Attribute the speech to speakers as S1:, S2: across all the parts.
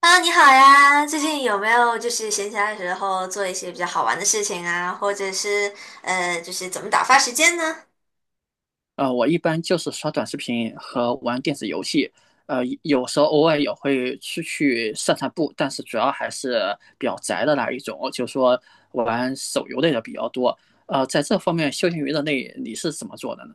S1: h e 你好呀！最近有没有闲暇的时候做一些比较好玩的事情啊，或者是就是怎么打发时间呢？
S2: 我一般就是刷短视频和玩电子游戏，有时候偶尔也会出去散散步，但是主要还是比较宅的那一种，就是说玩手游类的比较多。在这方面休闲娱乐类你是怎么做的呢？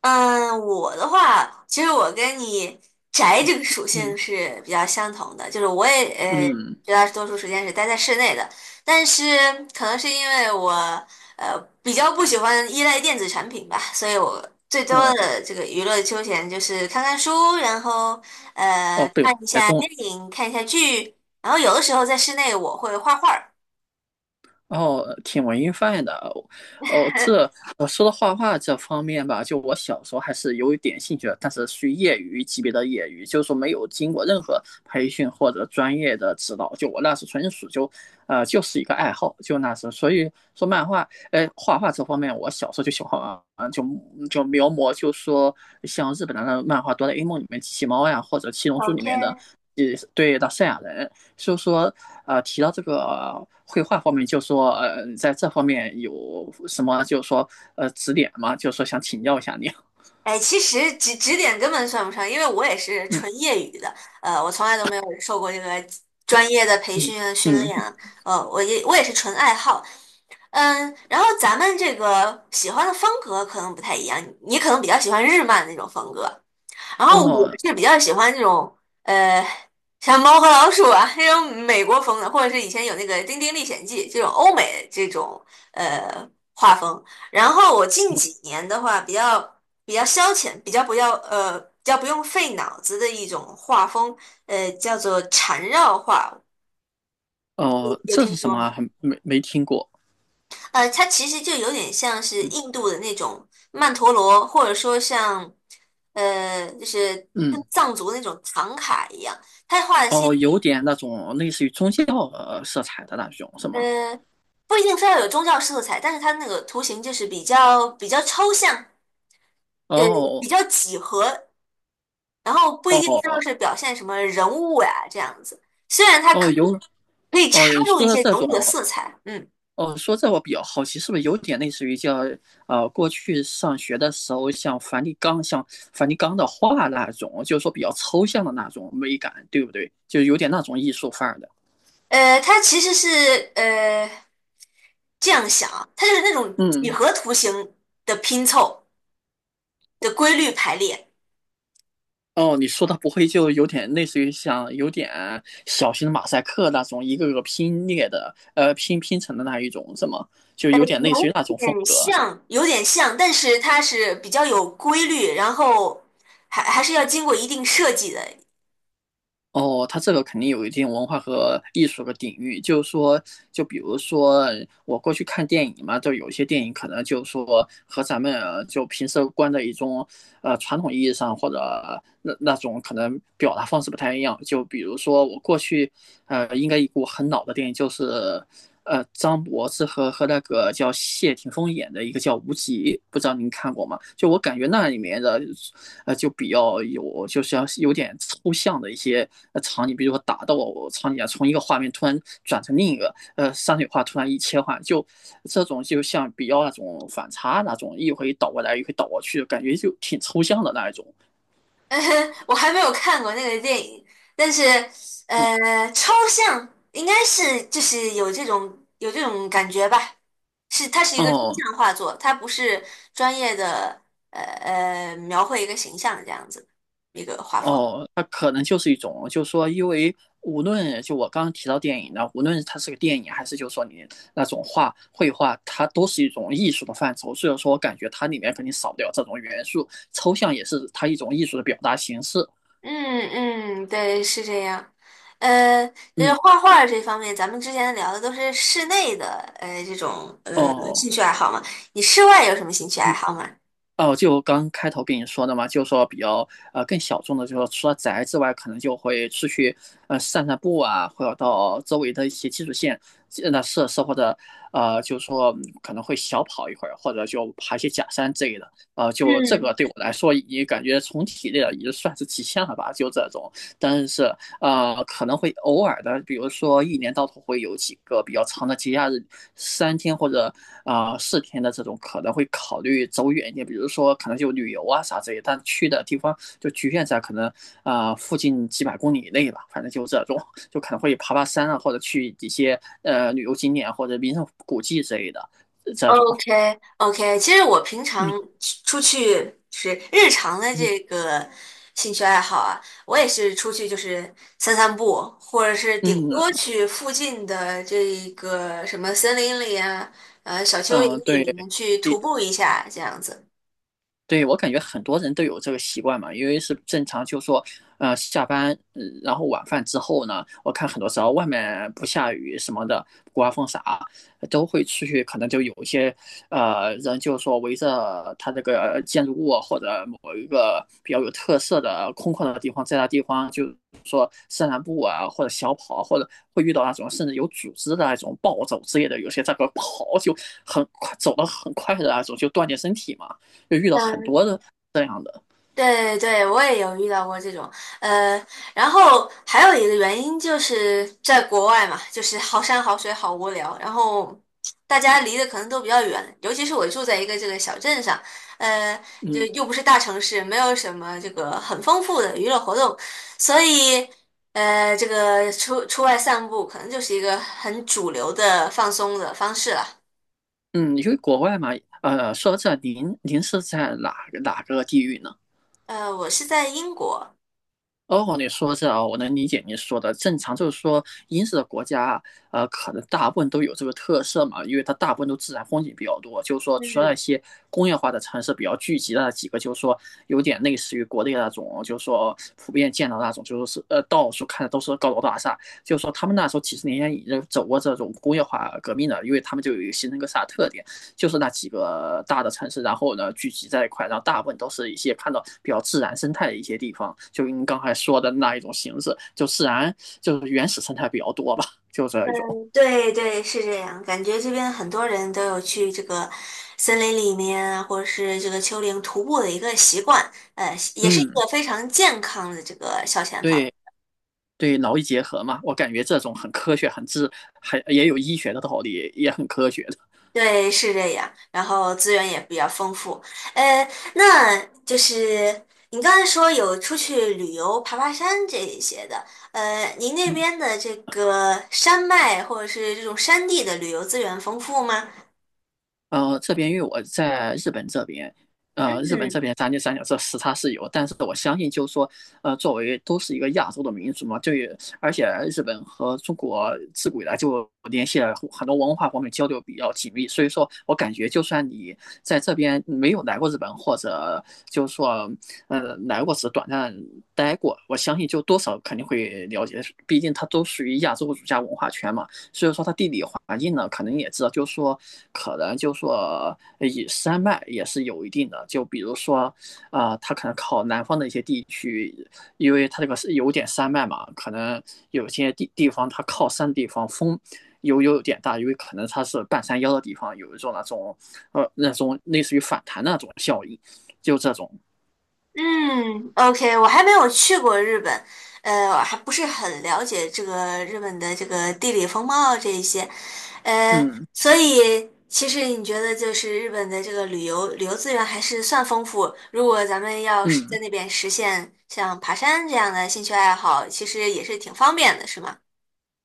S1: 嗯，我的话，其实我跟你宅这个属性
S2: 嗯
S1: 是比较相同的，就是我也
S2: 嗯，
S1: 绝大多数时间是待在室内的，但是可能是因为我比较不喜欢依赖电子产品吧，所以我最多
S2: 哦
S1: 的这个娱乐休闲就是看看书，然后
S2: 哦，被我
S1: 看一
S2: 猜
S1: 下
S2: 中了。
S1: 电影，看一下剧，然后有的时候在室内我会画画儿。
S2: 哦，挺文艺范的哦。说到画画这方面吧，就我小时候还是有一点兴趣的，但是属于业余级别的业余，就是说没有经过任何培训或者专业的指导。就我那时纯属就，就是一个爱好，就那时候所以说漫画，哎，画画这方面，我小时候就喜欢啊，就描摹，就说像日本的漫画《哆啦 A 梦》里面机器猫呀，或者《七龙珠》里面的。
S1: OK。
S2: 呃对的赛亚人，就说提到这个绘画方面，就说在这方面有什么，就说指点吗？就说想请教一下你啊。
S1: 哎，其实指点根本算不上，因为我也是纯
S2: 嗯
S1: 业余的。我从来都没有受过这个专业的培
S2: 嗯
S1: 训啊、训练
S2: 嗯
S1: 啊。我也是纯爱好。嗯，然后咱们这个喜欢的风格可能不太一样，你可能比较喜欢日漫那种风格，然后我
S2: 哦
S1: 是比较喜欢这种呃，像猫和老鼠啊这种美国风的，或者是以前有那个《丁丁历险记》这种欧美这种呃画风。然后我近几年的话，比较消遣，比较不用费脑子的一种画风，叫做缠绕画，
S2: 哦，
S1: 有
S2: 这
S1: 听
S2: 是什
S1: 说
S2: 么啊
S1: 吗？
S2: 还没听过。
S1: 呃，它其实就有点像是
S2: 嗯
S1: 印度的那种曼陀罗，或者说像就是跟
S2: 嗯
S1: 藏族那种唐卡一样，它画的是
S2: 哦，有点那种类似于宗教色彩的那种是
S1: 呃，
S2: 吗？
S1: 不一定非要有宗教色彩，但是它那个图形就是比较抽象，呃，比
S2: 哦
S1: 较几何，然后不一定非
S2: 哦
S1: 要是表现什么人物呀、这样子。虽然它
S2: 哦，
S1: 可以
S2: 有哦，
S1: 插
S2: 你
S1: 入
S2: 说
S1: 一
S2: 的
S1: 些
S2: 这
S1: 人
S2: 种
S1: 物的色彩。嗯。
S2: 哦，说这我比较好奇，是不是有点类似于叫过去上学的时候像梵蒂冈的画那种，就是说比较抽象的那种美感，对不对？就有点那种艺术范儿的。
S1: 呃，它其实是呃。这样想啊，它就是那种几
S2: 嗯，
S1: 何图形的拼凑的规律排列。
S2: 哦，你说的不会就有点类似于像有点小型马赛克那种，一个个拼列的，拼成的那一种，是吗？就有点类似于那
S1: 有
S2: 种风
S1: 点
S2: 格。
S1: 像，有点像，但是它是比较有规律，然后还是要经过一定设计的。
S2: 哦，它这个肯定有一定文化和艺术的底蕴，就是说，就比如说我过去看电影嘛，就有些电影可能就是说和咱们就平时观的一种传统意义上或者那种可能表达方式不太一样。就比如说我过去应该一部很老的电影，就是张柏芝和那个叫谢霆锋演的一个叫《无极》，不知道您看过吗？就我感觉那里面的就比较有就是要有点抽象的一些场景，比如说打斗场景啊，从一个画面突然转成另一个，山水画突然一切换，就这种就像比较那种反差那种，一回倒过来一回倒过去，感觉就挺抽象的那一种。
S1: 我还没有看过那个电影，但是
S2: 嗯，
S1: 抽象应该是有这种感觉吧，是它是一个抽
S2: 哦，
S1: 象画作，它不是专业的描绘一个形象这样子一个画风。
S2: 哦，那可能就是一种，就是说，因为无论就我刚刚提到电影呢，无论它是个电影还是就是说你那种画绘画，它都是一种艺术的范畴，所以说我感觉它里面肯定少不了这种元素，抽象也是它一种艺术的表达形式。
S1: 嗯嗯，对，是这样。呃，就是
S2: 嗯，
S1: 画画这方面，咱们之前聊的都是室内的，这种
S2: 哦，
S1: 兴趣爱好嘛。你室外有什么兴趣爱
S2: 嗯。
S1: 好吗？
S2: 哦，就刚开头跟你说的嘛，就说比较更小众的，就是说除了宅之外，可能就会出去散散步啊，或者到周围的一些基础线那设施，或者就是说可能会小跑一会儿，或者就爬一些假山之类的。就这
S1: 嗯，
S2: 个对我来说，也感觉从体力的已经算是极限了吧，就这种。但是可能会偶尔的，比如说一年到头会有几个比较长的节假日，三天或者四天的这种，可能会考虑走远一点，比如说可能就旅游啊啥之类的但去的地方就局限在可能附近几百公里以内吧，反正就这种，就可能会爬爬山啊，或者去一些旅游景点或者名胜古迹之类的这种。
S1: OK OK，其实我平常
S2: 嗯
S1: 出去就是日常的
S2: 嗯
S1: 这个兴趣爱好啊，我也是出去就是散散步，或者是顶
S2: 嗯
S1: 多去附近的这个什么森林里啊，小丘
S2: 嗯，
S1: 陵
S2: 对。
S1: 里面去徒
S2: 一
S1: 步一下这样子。
S2: 对，我感觉很多人都有这个习惯嘛，因为是正常，就说，下班，然后晚饭之后呢，我看很多时候外面不下雨什么的，不刮风啥，都会出去，可能就有一些，人就说围着他这个建筑物或者某一个比较有特色的空旷的地方，在那地方就说散散步啊，或者小跑，或者会遇到那种甚至有组织的那种暴走之类的，有些在那跑就很快，走得很快的那种，就锻炼身体嘛。就遇到很
S1: 嗯。
S2: 多的这样的，
S1: 对对，我也有遇到过这种。呃，然后还有一个原因就是在国外嘛，就是好山好水好无聊，然后大家离得可能都比较远，尤其是我住在一个这个小镇上，呃，就
S2: 嗯
S1: 又不是大城市，没有什么这个很丰富的娱乐活动，所以这个出外散步可能就是一个很主流的放松的方式了。
S2: 嗯，因为国外嘛，说到这，您是在哪个地域呢？
S1: 呃，我是在英国。
S2: 哦，你说这啊，我能理解你说的。正常就是说，英式的国家啊，可能大部分都有这个特色嘛，因为它大部分都自然风景比较多。就是说，除了
S1: 嗯。
S2: 一些工业化的城市比较聚集的那几个，就是说有点类似于国内那种，就是说普遍见到那种，就是到处看的都是高楼大厦。就是说，他们那时候几十年前已经走过这种工业化革命了，因为他们就有形成一个啥特点。就是那几个大的城市，然后呢聚集在一块，然后大部分都是一些看到比较自然生态的一些地方，就您刚才说的那一种形式，就自然就是原始生态比较多吧，就这
S1: 嗯，
S2: 一种。
S1: 对对，是这样。感觉这边很多人都有去这个森林里面啊或者是这个丘陵徒步的一个习惯，也是一
S2: 嗯，
S1: 个非常健康的这个消遣方。
S2: 对对，劳逸结合嘛，我感觉这种很科学，很自，还也有医学的道理，也很科学的。
S1: 对，是这样。然后资源也比较丰富。呃，那就是你刚才说有出去旅游、爬山这一些的，您那
S2: 嗯。
S1: 边的这个山脉或者是这种山地的旅游资源丰富吗？
S2: 这边因为我在日本这边，日本这
S1: 嗯。
S2: 边三天三角这时差是有，但是我相信就是说，作为都是一个亚洲的民族嘛，就也而且日本和中国自古以来就联系了很多文化方面交流比较紧密，所以说我感觉就算你在这边没有来过日本，或者就是说，来过只短暂待过，我相信就多少肯定会了解，毕竟它都属于亚洲儒家文化圈嘛。所以说它地理环境呢，可能也知道，就是说，可能就是说，以山脉也是有一定的。就比如说，它可能靠南方的一些地区，因为它这个是有点山脉嘛，可能有些地方它靠山的地方风有点大，因为可能它是半山腰的地方，有一种那种那种类似于反弹的那种效应，就这种，
S1: 嗯，OK，我还没有去过日本，我还不是很了解这个日本的这个地理风貌这一些，
S2: 嗯
S1: 所以其实你觉得就是日本的这个旅游资源还是算丰富，如果咱们要是在
S2: 嗯。
S1: 那边实现像爬山这样的兴趣爱好，其实也是挺方便的，是吗？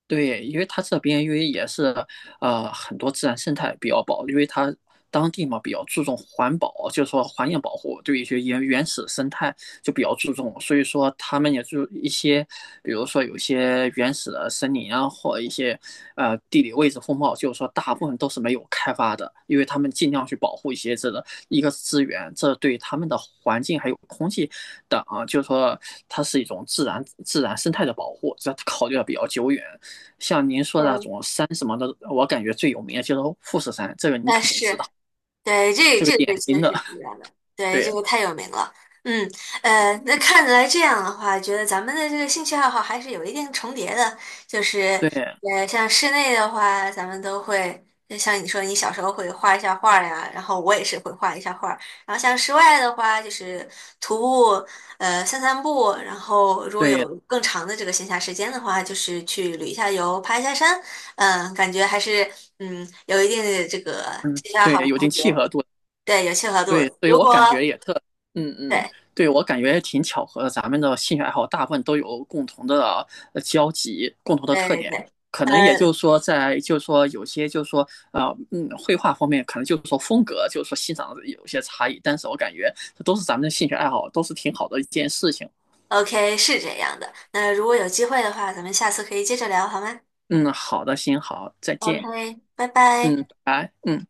S2: 对，因为它这边因为也是很多自然生态比较保，因为它当地嘛比较注重环保，就是说环境保护，对一些原始生态就比较注重，所以说他们也就一些，比如说有些原始的森林啊，或一些地理位置风貌，就是说大部分都是没有开发的，因为他们尽量去保护一些这个一个资源，这对他们的环境还有空气等啊就是说它是一种自然生态的保护，这考虑的比较久远。像您说的那
S1: 嗯，
S2: 种山什么的，我感觉最有名的就是富士山，这个你肯定知
S1: 是，
S2: 道，
S1: 对，这
S2: 这个
S1: 这个被
S2: 典
S1: 确
S2: 型
S1: 实
S2: 的，
S1: 知道的，对，这
S2: 对
S1: 个太有名了。嗯，那看来这样的话，觉得咱们的这个兴趣爱好还是有一定重叠的。就是，
S2: 对
S1: 像室内的话，咱们都会，就像你说，你小时候会画一下画儿呀，然后我也是会画一下画儿。然后像室外的话，就是徒步，散散步。然后如果
S2: 对，
S1: 有更长的这个闲暇时间的话，就是去旅一下游，爬一下山。嗯，感觉还是嗯，有一定的这个
S2: 嗯，
S1: 协调
S2: 对，
S1: 好
S2: 有一
S1: 同
S2: 定契
S1: 学
S2: 合度，
S1: 对，有契合度
S2: 对，
S1: 的。
S2: 所以
S1: 如
S2: 我感觉
S1: 果
S2: 也嗯嗯，
S1: 对
S2: 对我感觉也挺巧合的，咱们的兴趣爱好大部分都有共同的交集，共同的
S1: 对
S2: 特
S1: 对
S2: 点，
S1: 对，
S2: 可能也就
S1: 嗯
S2: 是说在，就是说有些就是说呃绘画方面可能就是说风格，就是说欣赏有些差异，但是我感觉这都是咱们的兴趣爱好，都是挺好的一件事情。
S1: ，OK，是这样的。那如果有机会的话，咱们下次可以接着聊，好吗
S2: 嗯，好的，行，好，再见，
S1: ？OK，拜拜。
S2: 嗯，拜拜嗯。